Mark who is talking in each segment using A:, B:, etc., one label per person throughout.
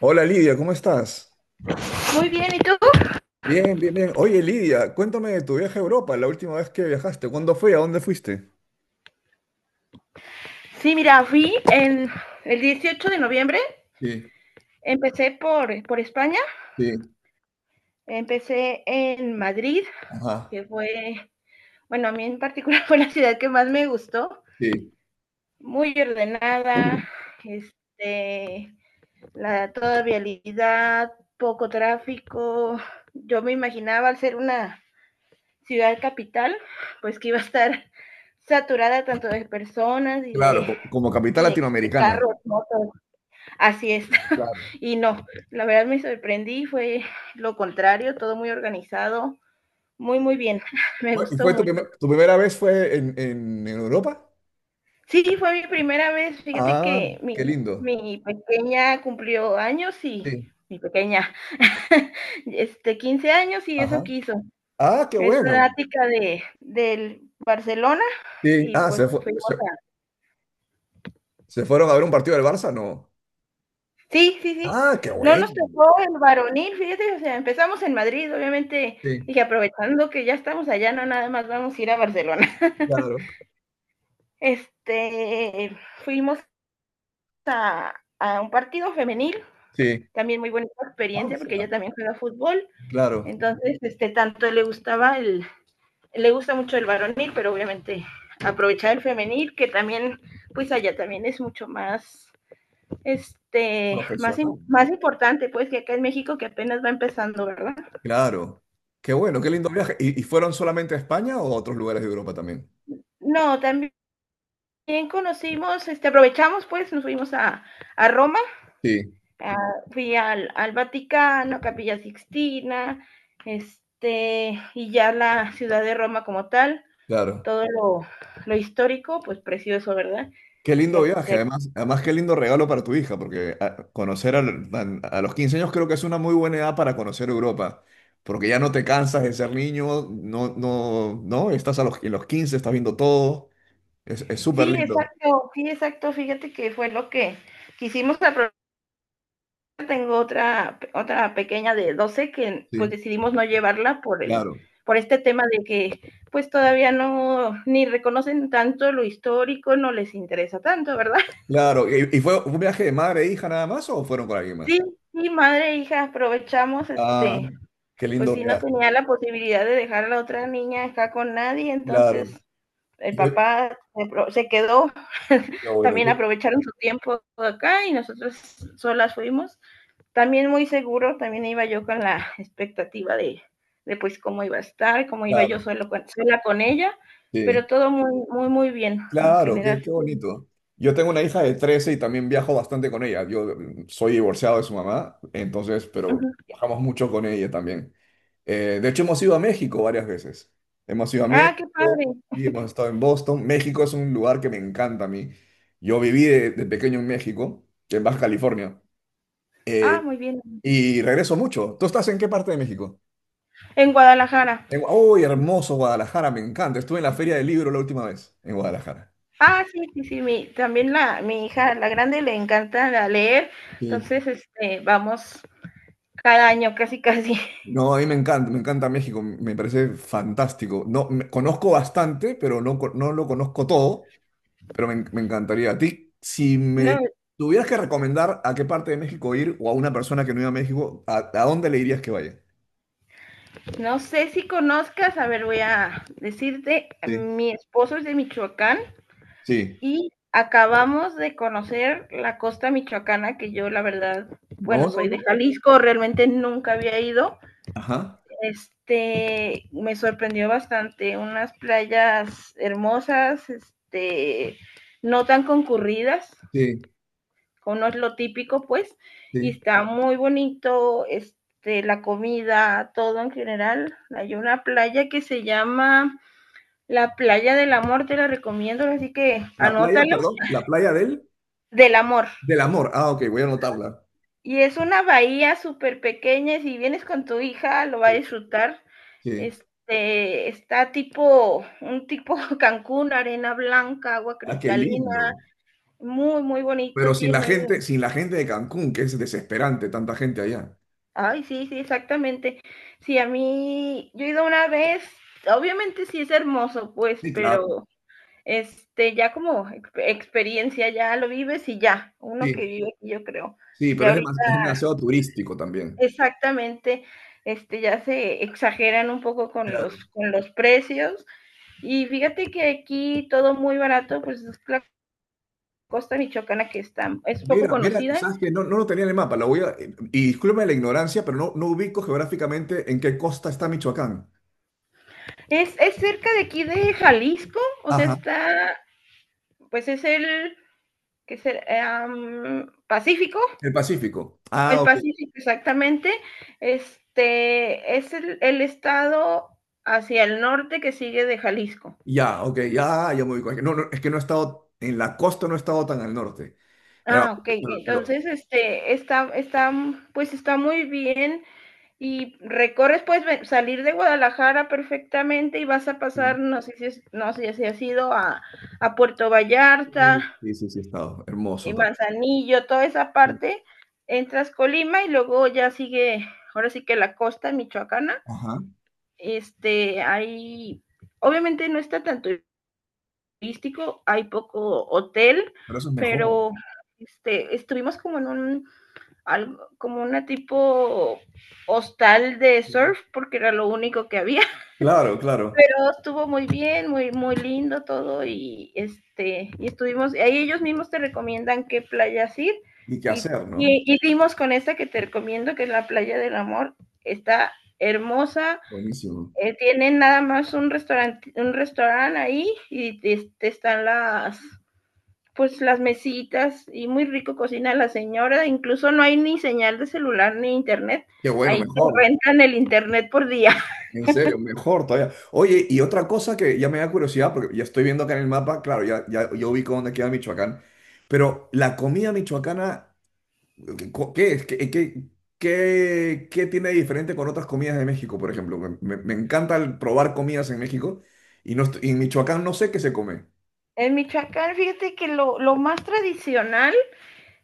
A: Hola Lidia, ¿cómo estás?
B: Muy bien, ¿y tú?
A: Bien. Oye Lidia, cuéntame de tu viaje a Europa, la última vez que viajaste. ¿Cuándo fue? ¿A dónde fuiste?
B: Sí, mira, fui en el 18 de noviembre.
A: Sí,
B: Empecé por España,
A: sí,
B: empecé en Madrid,
A: ajá,
B: que fue, bueno, a mí en particular fue la ciudad que más me gustó,
A: sí,
B: muy ordenada, este, toda vialidad, poco tráfico. Yo me imaginaba al ser una ciudad capital, pues que iba a estar saturada tanto de personas y
A: Claro,
B: de,
A: como capital
B: y de, de
A: latinoamericana.
B: carros,
A: Sí,
B: motos. Así es.
A: claro.
B: Y no, la verdad me sorprendí, fue lo contrario, todo muy organizado, muy, muy bien, me
A: ¿Y
B: gustó
A: fue tu,
B: mucho.
A: tu primera vez fue en, en Europa?
B: Sí, fue mi primera vez, fíjate
A: Ah,
B: que
A: qué
B: mi,
A: lindo.
B: mi pequeña cumplió años y
A: Sí,
B: mi pequeña, 15 años y eso
A: ajá.
B: quiso.
A: Ah, qué
B: Es
A: bueno.
B: fanática del Barcelona
A: Sí,
B: y
A: ah,
B: pues fuimos a...
A: ¿se fueron a ver un partido del Barça? No.
B: Sí, sí, sí.
A: Ah, qué
B: No nos
A: bueno.
B: tocó el varonil, fíjate, o sea, empezamos en Madrid, obviamente
A: Sí,
B: dije, aprovechando que ya estamos allá, no nada más vamos a ir a Barcelona.
A: claro.
B: Este, Fuimos a un partido femenil,
A: Sí.
B: también muy buena
A: Ah,
B: experiencia porque
A: mira,
B: ella también juega fútbol,
A: claro.
B: entonces tanto le gustaba el le gusta mucho el varonil, pero obviamente aprovechar el femenil que también pues allá también es mucho más este más
A: Profesional,
B: más
A: ¿no?
B: importante pues que acá en México que apenas va empezando, ¿verdad?
A: Claro. Qué bueno, qué lindo viaje. ¿Y fueron solamente a España o a otros lugares de Europa también?
B: No, también conocimos, aprovechamos pues nos fuimos a Roma.
A: Sí,
B: Ah, fui al Vaticano, Capilla Sixtina, y ya la ciudad de Roma como tal,
A: claro.
B: todo lo histórico, pues precioso, ¿verdad?
A: Qué lindo
B: Ya
A: viaje,
B: sé.
A: además, además qué lindo regalo para tu hija, porque conocer los 15 años creo que es una muy buena edad para conocer Europa, porque ya no te cansas de ser niño, no, no, no, estás a los, en los 15, estás viendo todo, es súper
B: Sí,
A: lindo,
B: exacto, sí, exacto. Fíjate que fue lo que quisimos aprovechar. Tengo otra pequeña de 12 que pues
A: sí,
B: decidimos no llevarla por
A: claro,
B: por este tema de que pues todavía no, ni reconocen tanto lo histórico, no les interesa tanto, ¿verdad?
A: claro. ¿Y fue un viaje de madre e hija nada más o fueron con alguien más?
B: Sí, sí, madre e hija, aprovechamos,
A: Ah, qué
B: pues
A: lindo
B: sí, no
A: viaje,
B: tenía la posibilidad de dejar a la otra niña acá con nadie,
A: claro.
B: entonces el
A: Yo,
B: papá se quedó,
A: bueno,
B: también aprovecharon su tiempo acá y nosotros solas fuimos. También muy seguro, también iba yo con la expectativa de pues cómo iba a estar, cómo iba yo
A: claro.
B: sola con ella, pero
A: Sí,
B: todo muy, muy, muy bien en
A: claro, qué,
B: general.
A: qué bonito. Yo tengo una hija de 13 y también viajo bastante con ella. Yo soy divorciado de su mamá, entonces, pero
B: Ujú.
A: viajamos mucho con ella también. De hecho, hemos ido a México varias veces. Hemos ido a
B: Ah, qué
A: México
B: padre.
A: y hemos estado en Boston. México es un lugar que me encanta a mí. Yo viví de pequeño en México, en Baja California,
B: Ah,
A: eh,
B: muy bien.
A: y regreso mucho. ¿Tú estás en qué parte de México?
B: En Guadalajara.
A: En ¡Uy, hermoso Guadalajara! Me encanta. Estuve en la Feria del Libro la última vez en Guadalajara.
B: Ah, sí, sí, sí, mi hija, la grande, le encanta la leer,
A: Sí.
B: entonces, vamos cada año casi, casi.
A: No, a mí me encanta México, me parece fantástico. No, conozco bastante, pero no, no lo conozco todo, pero me encantaría. A ti, si me
B: No,
A: tuvieras que recomendar a qué parte de México ir o a una persona que no iba a México, a dónde le dirías que vaya?
B: no sé si conozcas, a ver, voy a decirte,
A: Sí,
B: mi esposo es de Michoacán
A: sí.
B: y acabamos de conocer la costa michoacana, que yo la verdad,
A: No,
B: bueno,
A: no,
B: soy de
A: no.
B: Jalisco, realmente nunca había ido.
A: Ajá.
B: Me sorprendió bastante, unas playas hermosas, no tan concurridas,
A: Sí,
B: como no es lo típico, pues, y
A: sí.
B: está muy bonito, la comida, todo en general. Hay una playa que se llama la Playa del Amor, te la recomiendo, así que
A: La playa,
B: anótalo,
A: perdón, la playa del,
B: del amor.
A: del amor. Ah, ok, voy a anotarla.
B: Y es una bahía súper pequeña, y si vienes con tu hija lo va a
A: Sí,
B: disfrutar.
A: sí.
B: Está tipo, un tipo Cancún, arena blanca, agua
A: Ah, qué
B: cristalina,
A: lindo.
B: muy, muy bonito,
A: Pero sin la
B: tienen...
A: gente, sin la gente de Cancún, que es desesperante, tanta gente allá.
B: Ay, sí, sí, exactamente. Sí, a mí, yo he ido una vez, obviamente sí es hermoso, pues,
A: Sí, claro.
B: pero ya como experiencia, ya lo vives y ya, uno que
A: Sí,
B: vive aquí, yo creo.
A: sí, pero
B: Ya
A: es
B: ahorita,
A: es demasiado turístico también.
B: exactamente, ya se exageran un poco con
A: Claro.
B: los precios. Y fíjate que aquí todo muy barato, pues es la costa michoacana que está, es poco
A: Mira, mira,
B: conocida.
A: sabes que no, no lo tenía en el mapa, lo voy a, y discúlpame la ignorancia, pero no, no ubico geográficamente en qué costa está Michoacán.
B: Es cerca de aquí de Jalisco, o sea,
A: Ajá,
B: está, pues es el que será Pacífico,
A: el Pacífico. Ah,
B: el
A: ok,
B: Pacífico exactamente, este es estado hacia el norte que sigue de Jalisco.
A: ya, ok, ya, ya me ubico. Es que no, no, es que no he estado, en la costa no he estado tan al norte. Pero,
B: Ah, ok,
A: pero
B: entonces pues está muy bien y recorres, puedes salir de Guadalajara perfectamente y vas a
A: sí,
B: pasar, no sé si has ido a Puerto
A: sí,
B: Vallarta,
A: sí, sí, he estado, hermoso también.
B: Manzanillo, toda esa
A: Sí.
B: parte, entras Colima y luego ya sigue, ahora sí que la costa michoacana,
A: Ajá,
B: hay, obviamente no está tan turístico, hay poco hotel,
A: pero eso es mejor.
B: pero estuvimos como en un, algo, como una tipo hostal de
A: Sí.
B: surf, porque era lo único que había,
A: Claro, claro.
B: pero estuvo muy bien, muy, muy lindo todo y estuvimos, ahí ellos mismos te recomiendan qué playas ir
A: Y qué
B: y,
A: hacer, ¿no?
B: y, y dimos con esta que te recomiendo, que es la playa del amor, está hermosa,
A: Buenísimo.
B: tienen nada más un restaurante ahí y están las pues las mesitas y muy rico cocina la señora, incluso no hay ni señal de celular ni internet,
A: Qué bueno,
B: ahí te
A: mejor.
B: rentan el internet por día.
A: En serio, mejor todavía. Oye, y otra cosa que ya me da curiosidad, porque ya estoy viendo acá en el mapa, claro, ya, ya yo ubico dónde queda Michoacán, pero la comida michoacana, ¿qué es? ¿Qué tiene de diferente con otras comidas de México, por ejemplo? Me encanta el probar comidas en México y, no, y en Michoacán no sé qué se come.
B: En Michoacán, fíjate que lo más tradicional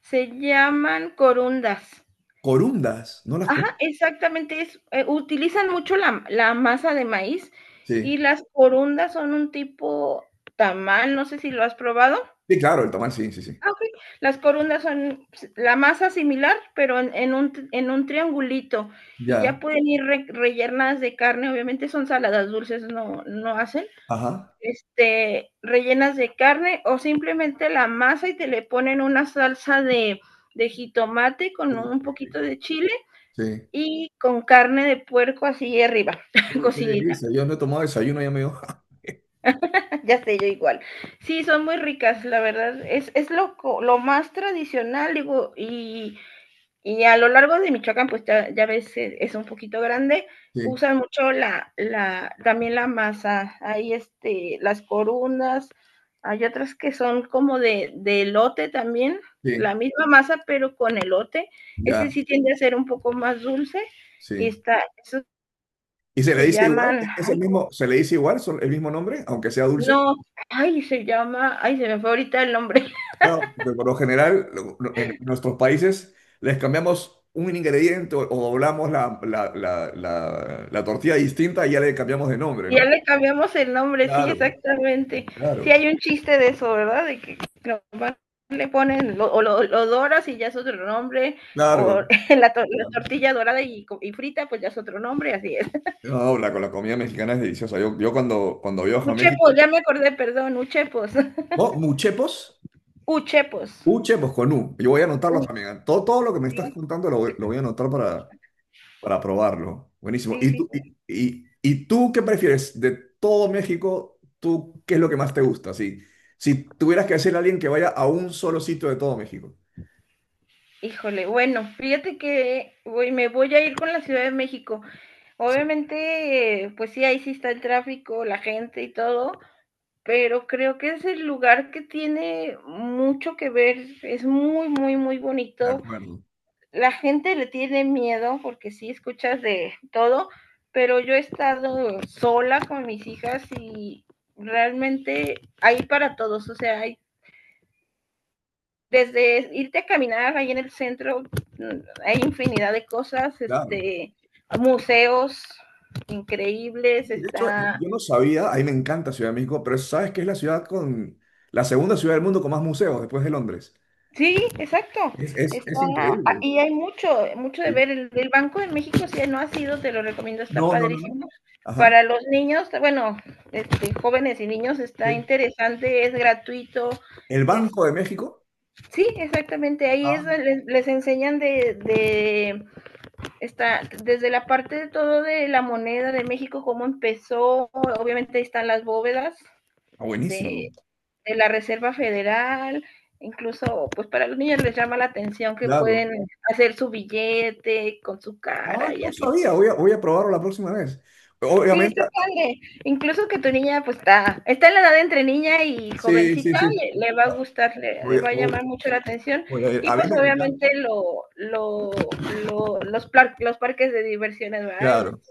B: se llaman corundas.
A: Corundas, ¿no las
B: Ajá,
A: conozco?
B: exactamente, utilizan mucho la masa de maíz
A: Sí,
B: y las corundas son un tipo tamal, no sé si lo has probado.
A: sí, claro, el tamal, sí, sí, sí.
B: Ah, ok. Las corundas son la masa similar, pero en un triangulito y
A: Ya,
B: ya pueden ir rellenas de carne, obviamente son saladas dulces, no, no hacen.
A: ajá.
B: Rellenas de carne o simplemente la masa y te le ponen una salsa de jitomate con
A: Uy,
B: un
A: qué
B: poquito
A: rico.
B: de chile
A: Sí.
B: y con carne de puerco así arriba,
A: Uy, qué
B: cocinita,
A: delicia. Yo no he tomado desayuno, ya me dio.
B: ya sé yo igual. Sí, son muy ricas, la verdad, es lo más tradicional, digo, y a lo largo de Michoacán, pues ya, ya ves, es un poquito grande.
A: Sí,
B: Usan mucho también la masa. Hay las corundas, hay otras que son como de elote también,
A: sí,
B: la misma masa, pero con elote. Ese
A: ya.
B: sí tiende a ser un poco más dulce.
A: Sí.
B: Eso
A: ¿Y se le
B: se
A: dice igual?
B: llaman,
A: ¿Es el
B: ay, ¿cómo?
A: mismo, se le dice igual, el mismo nombre, aunque sea dulce?
B: No, ay, se llama, ay, se me fue ahorita el nombre.
A: No, porque por lo general en nuestros países les cambiamos un ingrediente o doblamos la tortilla distinta y ya le cambiamos de nombre,
B: Ya
A: ¿no?
B: le cambiamos el nombre, sí,
A: Claro,
B: exactamente. Sí
A: claro,
B: hay un chiste de eso, ¿verdad? De que nomás le ponen, lo doras y ya es otro nombre,
A: claro,
B: o la
A: claro.
B: tortilla dorada y frita, pues ya es otro nombre, así es.
A: No, la comida mexicana es deliciosa. Yo cuando, cuando viajo a
B: Uchepos,
A: México,
B: ya me acordé, perdón, uchepos.
A: ¿no? Muchepos,
B: Uchepos.
A: muchepos con U. Yo voy a anotarlo
B: U-
A: también, ¿eh? Todo, todo lo que me estás
B: sí,
A: contando lo, lo voy a anotar para probarlo. Buenísimo.
B: sí, sí, sí.
A: ¿Y tú qué prefieres de todo México? ¿Tú qué es lo que más te gusta? Si, si tuvieras que decirle a alguien que vaya a un solo sitio de todo México.
B: Híjole, bueno, fíjate que me voy a ir con la Ciudad de México.
A: Sí,
B: Obviamente, pues sí, ahí sí está el tráfico, la gente y todo, pero creo que es el lugar que tiene mucho que ver, es muy, muy, muy
A: de
B: bonito.
A: acuerdo.
B: La gente le tiene miedo porque sí escuchas de todo, pero yo he estado sola con mis hijas y realmente hay para todos, o sea, hay desde irte a caminar ahí en el centro, hay infinidad de cosas,
A: Claro.
B: museos
A: Sí,
B: increíbles,
A: de hecho,
B: está
A: yo no sabía, a mí me encanta Ciudad de México, pero sabes que es la ciudad con la segunda ciudad del mundo con más museos después de Londres.
B: Sí, exacto. Está,
A: Es
B: ah,
A: increíble.
B: y hay mucho, mucho de
A: Sí.
B: ver. El Banco de México, si no has ido, te lo recomiendo, está
A: No, no, no, no.
B: padrísimo.
A: Ajá.
B: Para los niños, bueno, jóvenes y niños está
A: Sí.
B: interesante, es gratuito.
A: El
B: Es,
A: Banco de México.
B: sí, exactamente, ahí es,
A: Ah,
B: donde les enseñan desde la parte de todo de la moneda de México, cómo empezó, obviamente ahí están las bóvedas
A: buenísimo.
B: de, de la Reserva Federal, incluso pues para los niños les llama la atención que
A: Claro.
B: pueden hacer su billete con su
A: Ah,
B: cara y
A: no
B: así
A: sabía,
B: pues.
A: voy a probarlo la próxima vez.
B: Sí,
A: Obviamente,
B: está padre. Incluso que tu niña pues está en la edad entre niña y
A: sí, sí,
B: jovencita,
A: sí, sí.
B: le va a
A: Ah,
B: gustar,
A: Voy a,
B: va a
A: voy-
B: llamar mucho la atención
A: voy a ir.
B: y
A: A mí
B: pues
A: me encanta,
B: obviamente lo los, los parques de diversiones, ¿verdad?
A: claro.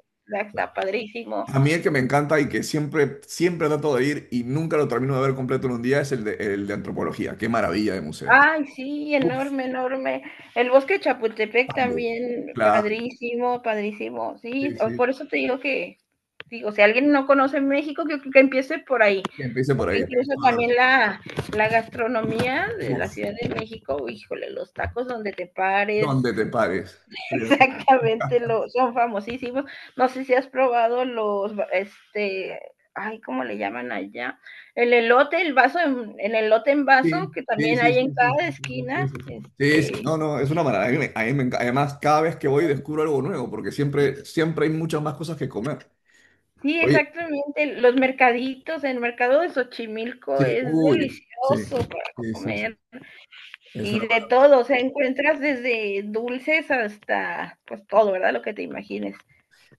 B: Está padrísimo.
A: A mí el que me encanta y que siempre, siempre trato de ir y nunca lo termino de ver completo en un día es el de antropología. Qué maravilla de museo.
B: Ay, sí,
A: Uf,
B: enorme, enorme. El bosque de Chapultepec
A: también.
B: también,
A: Claro,
B: padrísimo, padrísimo. Sí,
A: sí, sí.
B: por eso te digo que, sí, o sea alguien no conoce México, que empiece por ahí,
A: Que empiece por
B: porque
A: ahí,
B: incluso
A: tienes toda la
B: también
A: razón.
B: la gastronomía de la
A: Uf,
B: Ciudad de México, híjole, los tacos donde te pares,
A: ¿dónde te pares? Estoy de acuerdo.
B: exactamente, son famosísimos. No sé si has probado los, ay, ¿cómo le llaman allá? El elote, el elote en
A: Sí,
B: vaso, que
A: sí,
B: también
A: sí,
B: hay
A: sí,
B: en
A: sí, sí,
B: cada
A: sí, sí, sí,
B: esquina.
A: sí, sí, sí, sí, no, no, es una maravilla. A mí además, cada vez que voy descubro algo nuevo, porque siempre, siempre hay muchas más cosas que comer.
B: Sí,
A: Oye,
B: exactamente, los mercaditos, el mercado de Xochimilco
A: sí,
B: es
A: uy, sí,
B: delicioso para
A: sí, sí, sí,
B: comer
A: es
B: y
A: una
B: de
A: maravilla.
B: todo, o sea, encuentras desde dulces hasta, pues todo, ¿verdad? Lo que te imagines.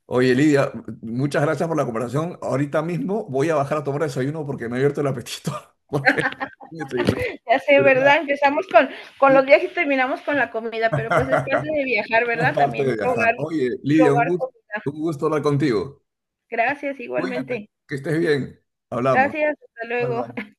A: Oye, Lidia, muchas gracias por la conversación. Ahorita mismo voy a bajar a tomar desayuno porque me ha abierto el apetito, porque me desayuné,
B: Ya sé,
A: pero nada,
B: ¿verdad? Empezamos con
A: sí.
B: los viajes y terminamos con la comida, pero pues es parte de viajar,
A: Es
B: ¿verdad?
A: parte
B: También
A: de viajar.
B: probar,
A: Oye, Lidia,
B: probar comida.
A: un gusto hablar contigo.
B: Gracias,
A: Cuídate,
B: igualmente.
A: que estés bien. Hablamos.
B: Gracias, hasta
A: Bye,
B: luego.
A: bye.